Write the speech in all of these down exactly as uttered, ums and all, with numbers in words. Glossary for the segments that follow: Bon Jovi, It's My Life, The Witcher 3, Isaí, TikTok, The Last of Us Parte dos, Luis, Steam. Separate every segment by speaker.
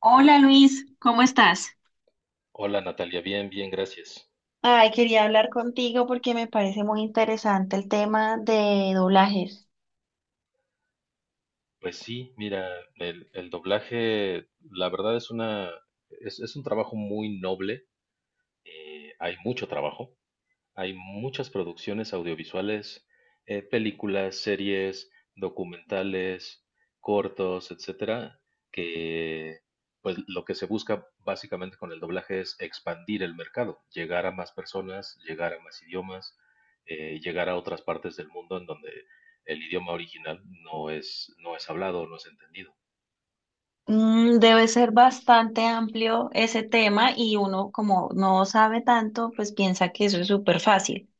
Speaker 1: Hola Luis, ¿cómo estás?
Speaker 2: Hola Natalia, bien, bien, gracias.
Speaker 1: Ay, quería hablar contigo porque me parece muy interesante el tema de doblajes.
Speaker 2: Pues sí, mira, el, el doblaje, la verdad es una, es, es un trabajo muy noble, eh, hay mucho trabajo. Hay muchas producciones audiovisuales, eh, películas, series, documentales, cortos, etcétera, que pues lo que se busca básicamente con el doblaje es expandir el mercado, llegar a más personas, llegar a más idiomas, eh, llegar a otras partes del mundo en donde el idioma original no es, no es hablado, no es entendido.
Speaker 1: Mm, debe ser bastante amplio ese tema y uno como no sabe tanto, pues piensa que eso es súper fácil.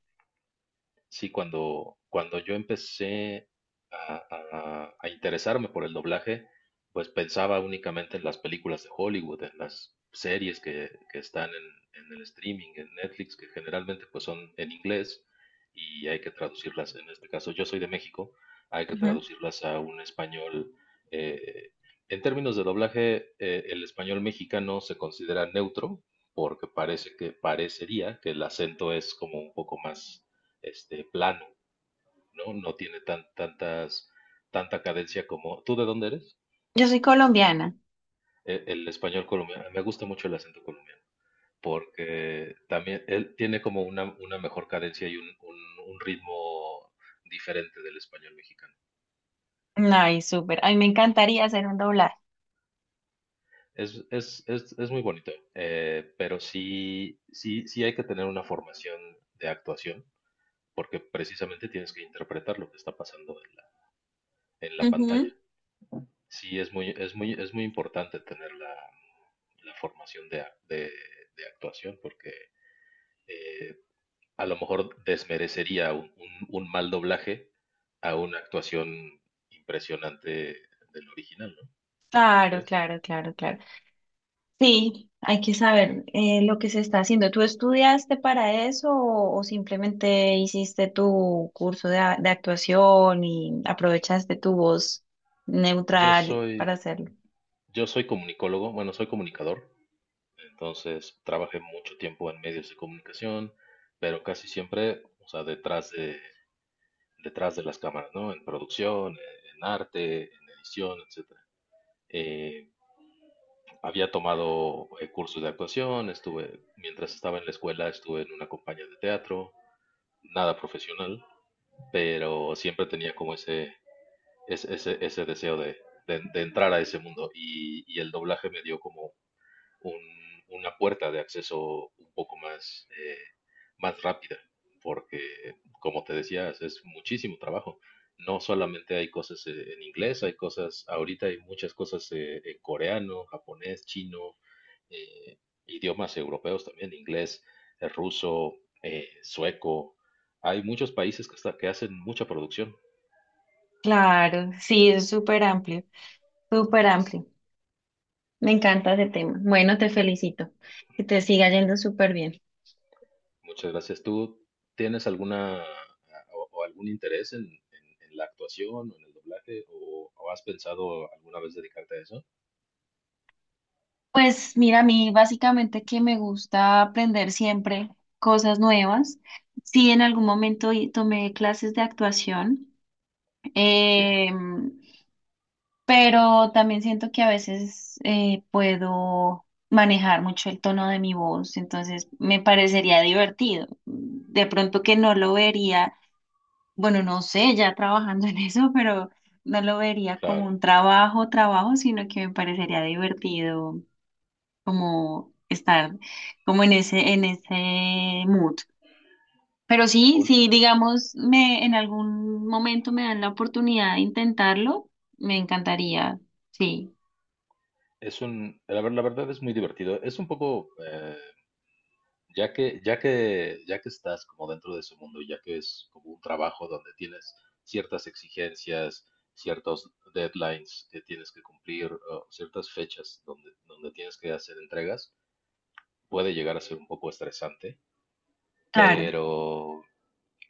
Speaker 2: Sí, cuando, cuando yo empecé a, a- a interesarme por el doblaje, pues pensaba únicamente en las películas de Hollywood, en las series que, que están en, en el streaming, en Netflix, que generalmente pues son en inglés y hay que traducirlas. En este caso, yo soy de México, hay que
Speaker 1: Ujú.
Speaker 2: traducirlas a un español. eh, en términos de doblaje, eh, el español mexicano se considera neutro porque parece que parecería que el acento es como un poco más este, plano, ¿no? No tiene tan, tantas, tanta cadencia como... ¿Tú de dónde eres?
Speaker 1: Yo soy colombiana.
Speaker 2: El, el español colombiano. Me gusta mucho el acento colombiano, porque también él tiene como una, una mejor cadencia y un, un- un ritmo diferente del español mexicano.
Speaker 1: Ay, súper. A mí me encantaría hacer un doblaje.
Speaker 2: Es, es, es, es muy bonito, eh, pero sí, sí, sí hay que tener una formación de actuación, porque precisamente tienes que interpretar lo que está pasando en la, en la pantalla.
Speaker 1: Ujú.
Speaker 2: Sí, es muy, es muy, es muy importante tener la, la formación de, ac- de- de actuación porque eh, a lo mejor desmerecería un, un- un mal doblaje a una actuación impresionante del original, ¿no? ¿No
Speaker 1: Claro,
Speaker 2: crees?
Speaker 1: claro, claro, claro. Sí, hay que saber eh, lo que se está haciendo. ¿Tú estudiaste para eso o, o simplemente hiciste tu curso de, a- de actuación y aprovechaste tu voz
Speaker 2: Yo
Speaker 1: neutral para
Speaker 2: soy,
Speaker 1: hacerlo?
Speaker 2: yo soy comunicólogo, bueno, soy comunicador, entonces trabajé mucho tiempo en medios de comunicación, pero casi siempre, o sea, detrás de, detrás de las cámaras, ¿no? En producción, en arte, en edición, etcétera. Eh, Había tomado eh, cursos de actuación, estuve, mientras estaba en la escuela, estuve en una compañía de teatro, nada profesional, pero siempre tenía como ese, ese, ese, ese deseo de, de, de, entrar a ese mundo y, y el doblaje me dio como un, una puerta de acceso un poco más, eh, más rápida, porque como te decías, es muchísimo trabajo. No solamente hay cosas eh, en inglés, hay cosas, ahorita hay muchas cosas eh, en coreano, japonés, chino, eh, idiomas europeos también, inglés, eh, ruso, eh, sueco. Hay muchos países que, hasta que hacen mucha producción.
Speaker 1: Claro, sí, es súper amplio, súper amplio. Me encanta ese tema. Bueno, te felicito, que te siga yendo súper bien.
Speaker 2: Muchas gracias. ¿Tú tienes alguna o, o algún interés en, en- en la actuación o en el doblaje o, o has pensado alguna vez dedicarte a eso?
Speaker 1: Pues mira, a mí básicamente que me gusta aprender siempre cosas nuevas. Sí, en algún momento y- tomé clases de actuación.
Speaker 2: Sí,
Speaker 1: Eh, pero también siento que a veces eh, puedo manejar mucho el tono de mi voz, entonces me parecería divertido. De pronto que no lo vería, bueno, no sé, ya trabajando en eso, pero no lo vería como
Speaker 2: claro.
Speaker 1: un trabajo, trabajo, sino que me parecería divertido como estar como en ese, en ese mood. Pero sí,
Speaker 2: Un-
Speaker 1: sí, digamos, me, en algún momento me dan la oportunidad de intentarlo, me encantaría, sí.
Speaker 2: es un, la, ver- la verdad es muy divertido. Es un poco eh, ya que, ya que, ya que estás como dentro de ese mundo, ya que es como un trabajo donde tienes ciertas exigencias, ciertos deadlines que tienes que cumplir, o ciertas fechas donde, donde tienes que hacer entregas, puede llegar a ser un poco estresante,
Speaker 1: Claro.
Speaker 2: pero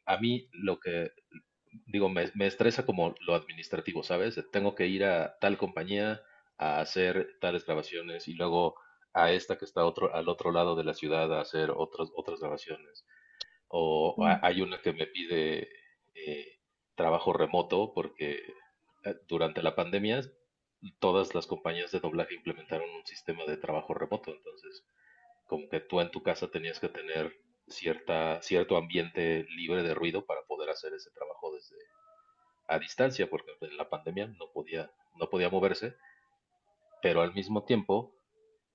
Speaker 2: a mí lo que digo, me, me estresa como lo administrativo, ¿sabes? Tengo que ir a tal compañía a hacer tales grabaciones y luego a esta que está otro, al otro lado de la ciudad a hacer otras, otras grabaciones o ha-
Speaker 1: Mm.
Speaker 2: hay una que me pide eh, trabajo remoto porque eh, durante la pandemia todas las compañías de doblaje implementaron un sistema de trabajo remoto. Entonces, como que tú en tu casa tenías que tener cierta, cierto ambiente libre de ruido para poder hacer ese trabajo desde a distancia, porque en la pandemia no podía, no podía moverse, pero al mismo tiempo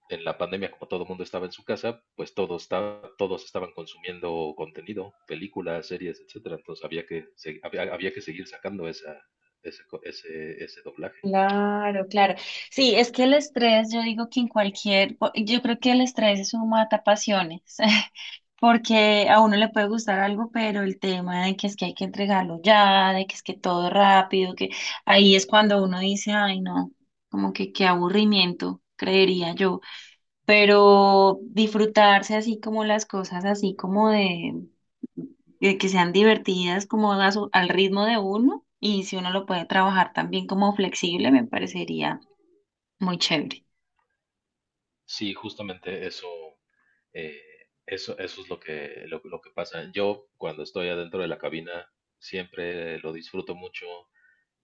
Speaker 2: en la pandemia, como todo el mundo estaba en su casa, pues todo está, todos estaban consumiendo contenido, películas, series, etcétera. Entonces había que, se- había, había que seguir sacando esa, ese, ese, ese doblaje.
Speaker 1: Claro, claro. Sí, es que el estrés, yo digo que en cualquier, o- yo creo que el estrés es un matapasiones, porque a uno le puede gustar algo, pero el tema de que es que hay que entregarlo ya, de que es que todo rápido, que ahí es cuando uno dice, ay, no, como que qué aburrimiento, creería yo. Pero disfrutarse así como las cosas, así como de, de que sean divertidas, como a su- al ritmo de uno, y si uno lo puede trabajar también como flexible, me parecería muy chévere.
Speaker 2: Sí, justamente eso, eh, eso, eso es lo que, lo, lo que pasa. Yo cuando estoy adentro de la cabina siempre lo disfruto mucho,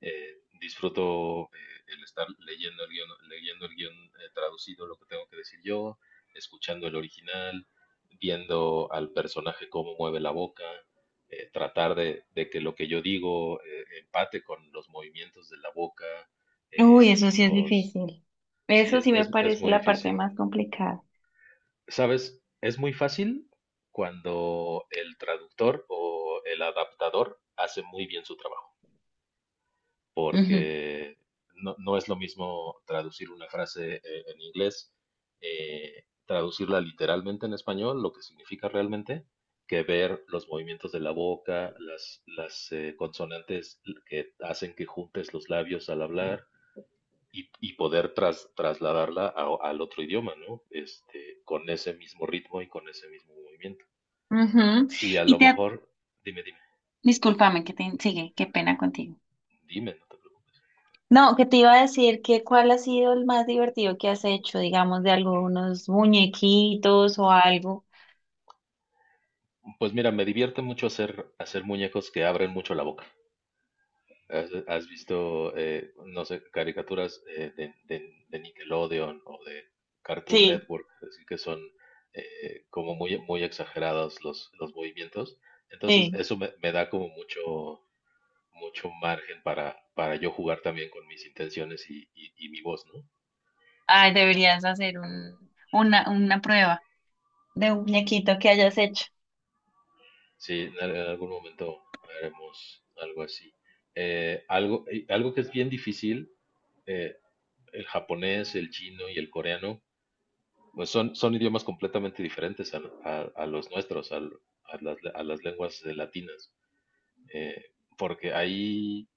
Speaker 2: eh, disfruto eh, el estar leyendo el guión, leyendo el guión eh, traducido, lo que tengo que decir yo, escuchando el original, viendo al personaje cómo mueve la boca, eh, tratar de, de que lo que yo digo eh, empate con los movimientos de la boca,
Speaker 1: Uy,
Speaker 2: eh,
Speaker 1: eso sí es
Speaker 2: los...
Speaker 1: difícil.
Speaker 2: Sí,
Speaker 1: Eso
Speaker 2: es,
Speaker 1: sí me
Speaker 2: es, es
Speaker 1: parece
Speaker 2: muy
Speaker 1: la parte
Speaker 2: difícil.
Speaker 1: más complicada.
Speaker 2: ¿Sabes? Es muy fácil cuando el traductor o el adaptador hace muy bien su trabajo, porque no, no es lo mismo traducir una frase eh, en inglés, eh, traducirla literalmente en español, lo que significa realmente, que ver los movimientos de la boca, las, las eh, consonantes que hacen que juntes los labios al hablar y, y poder tras- trasladarla a- al otro idioma, ¿no? Este, con ese mismo ritmo y con ese mismo movimiento.
Speaker 1: Ujú, ujú.
Speaker 2: Y a
Speaker 1: Y
Speaker 2: lo
Speaker 1: te, ha-
Speaker 2: mejor, dime, dime,
Speaker 1: discúlpame que te sigue, qué pena contigo.
Speaker 2: dime, no te preocupes.
Speaker 1: No, que te iba a decir que cuál ha sido el más divertido que has hecho, digamos, de algunos muñequitos o algo.
Speaker 2: Pues mira, me divierte mucho hacer, hacer muñecos que abren mucho la boca. ¿Has, has visto, eh, no sé, caricaturas eh, de, de- de Nickelodeon o de Cartoon
Speaker 1: Sí,
Speaker 2: Network, así que son eh, como muy, muy exagerados los, los movimientos? Entonces,
Speaker 1: sí.
Speaker 2: eso me, me da como mucho, mucho margen para, para yo jugar también con mis intenciones y, y- y mi voz, ¿no?
Speaker 1: Ay, deberías hacer un, una, una prueba de un muñequito que hayas hecho.
Speaker 2: Sí, en, al- en algún momento haremos algo así. Eh, algo, y algo que es bien difícil, eh, el japonés, el chino y el coreano pues son, son idiomas completamente diferentes a, a- a los nuestros, al- a, las, a las lenguas eh, latinas, eh, porque ahí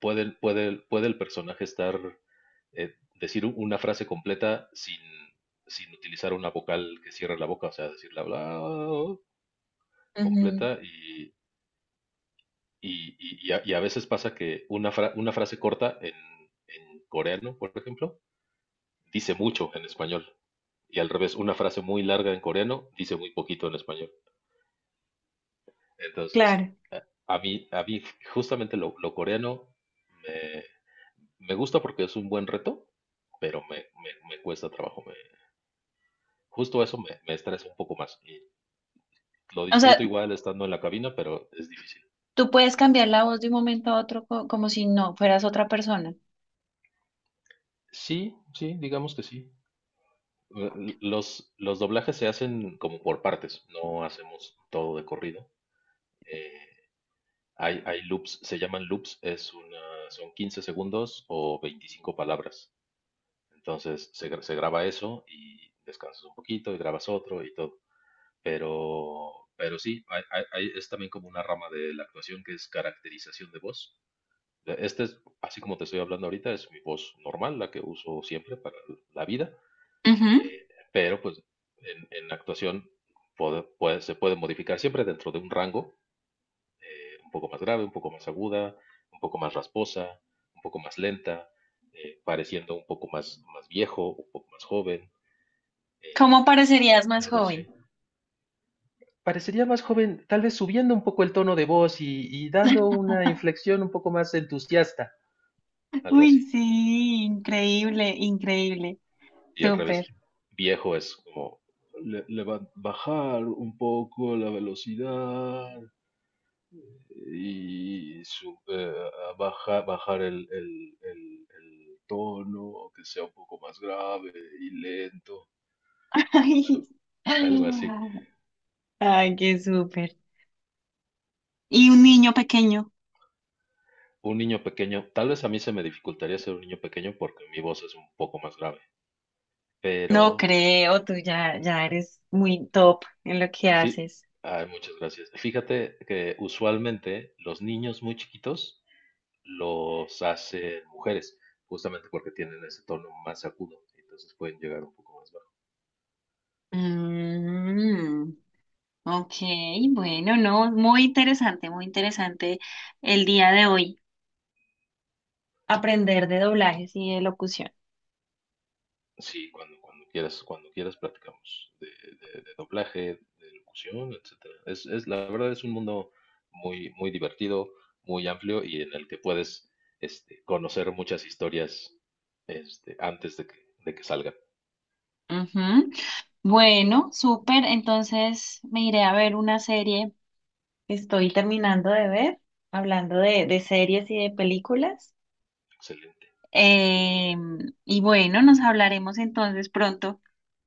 Speaker 2: puede, puede, puede el personaje estar, eh, decir u- una frase completa sin, sin utilizar una vocal que cierre la boca, o sea, decir la bla
Speaker 1: Ujú.
Speaker 2: completa y, y, y, y a, y a veces pasa que una, fra- una frase corta en, en coreano, por ejemplo, dice mucho en español. Y al revés, una frase muy larga en coreano dice muy poquito en español. Entonces,
Speaker 1: Claro.
Speaker 2: eh, a mí, a mí justamente lo, lo coreano me, me gusta porque es un buen reto, pero me, me, me cuesta trabajo. Me- justo eso me, me estresa un poco más. Y lo
Speaker 1: O sea,
Speaker 2: disfruto igual estando en la cabina, pero es difícil.
Speaker 1: tú puedes cambiar la voz de un momento a otro co- como si no fueras otra persona.
Speaker 2: Sí, sí, digamos que sí. Eh, Los, los doblajes se hacen como por partes, no hacemos todo de corrido. Eh, hay, hay loops, se llaman loops, es una, son quince segundos o veinticinco palabras. Entonces se, gra- se graba eso y descansas un poquito y grabas otro y todo. Pero, pero sí, hay- hay- hay- es también como una rama de la actuación que es caracterización de voz. Eh, Este es, así como te estoy hablando ahorita, es mi voz normal, la que uso siempre para la vida.
Speaker 1: Ujú.
Speaker 2: Eh, pero pues en, en actuación puede- puede- se puede modificar siempre dentro de un rango, un poco más grave, un poco más aguda, un poco más rasposa, un poco más lenta, eh, pareciendo un poco más, más viejo, un poco más joven. eh,
Speaker 1: ¿Cómo parecerías más
Speaker 2: Algo así.
Speaker 1: joven?
Speaker 2: Parecería más joven, tal vez subiendo un poco el tono de voz y, y dando una inflexión un poco más entusiasta. Algo
Speaker 1: Uy,
Speaker 2: así.
Speaker 1: sí, increíble, increíble.
Speaker 2: Y al revés,
Speaker 1: Súper.
Speaker 2: viejo es como le, le va a bajar un poco la velocidad y su- eh, a baja- bajar el, el- el- el tono, que sea un poco más grave y lento.
Speaker 1: Ay,
Speaker 2: Algo, algo así.
Speaker 1: ay, qué súper. Y un niño pequeño.
Speaker 2: Un niño pequeño, tal vez a mí se me dificultaría ser un niño pequeño porque mi voz es un poco más grave,
Speaker 1: No
Speaker 2: pero
Speaker 1: creo, tú ya, ya eres muy top en lo que
Speaker 2: Fi-
Speaker 1: haces.
Speaker 2: ay, muchas gracias. Fíjate que usualmente los niños muy chiquitos los hacen mujeres, justamente porque tienen ese tono más agudo, entonces pueden llegar un poco más bajo.
Speaker 1: Mm. Ok, bueno, no, muy interesante, muy interesante el día de hoy aprender de doblajes y de locución.
Speaker 2: Sí, cuando, cuando quieras, cuando quieras platicamos de, de- de doblaje, de locución, etcétera. Es, es, la verdad es un mundo muy, muy divertido, muy amplio y en el que puedes este, conocer muchas historias este, antes de que, de que salgan.
Speaker 1: Ujú. Bueno, súper, entonces me iré a ver una serie que estoy terminando de ver, hablando de, de series y de películas.
Speaker 2: Excelente.
Speaker 1: Eh, y bueno, nos hablaremos entonces pronto.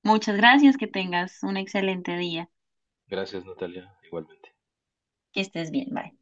Speaker 1: Muchas gracias, que tengas un excelente día,
Speaker 2: Gracias, Natalia, igualmente.
Speaker 1: que estés bien, bye.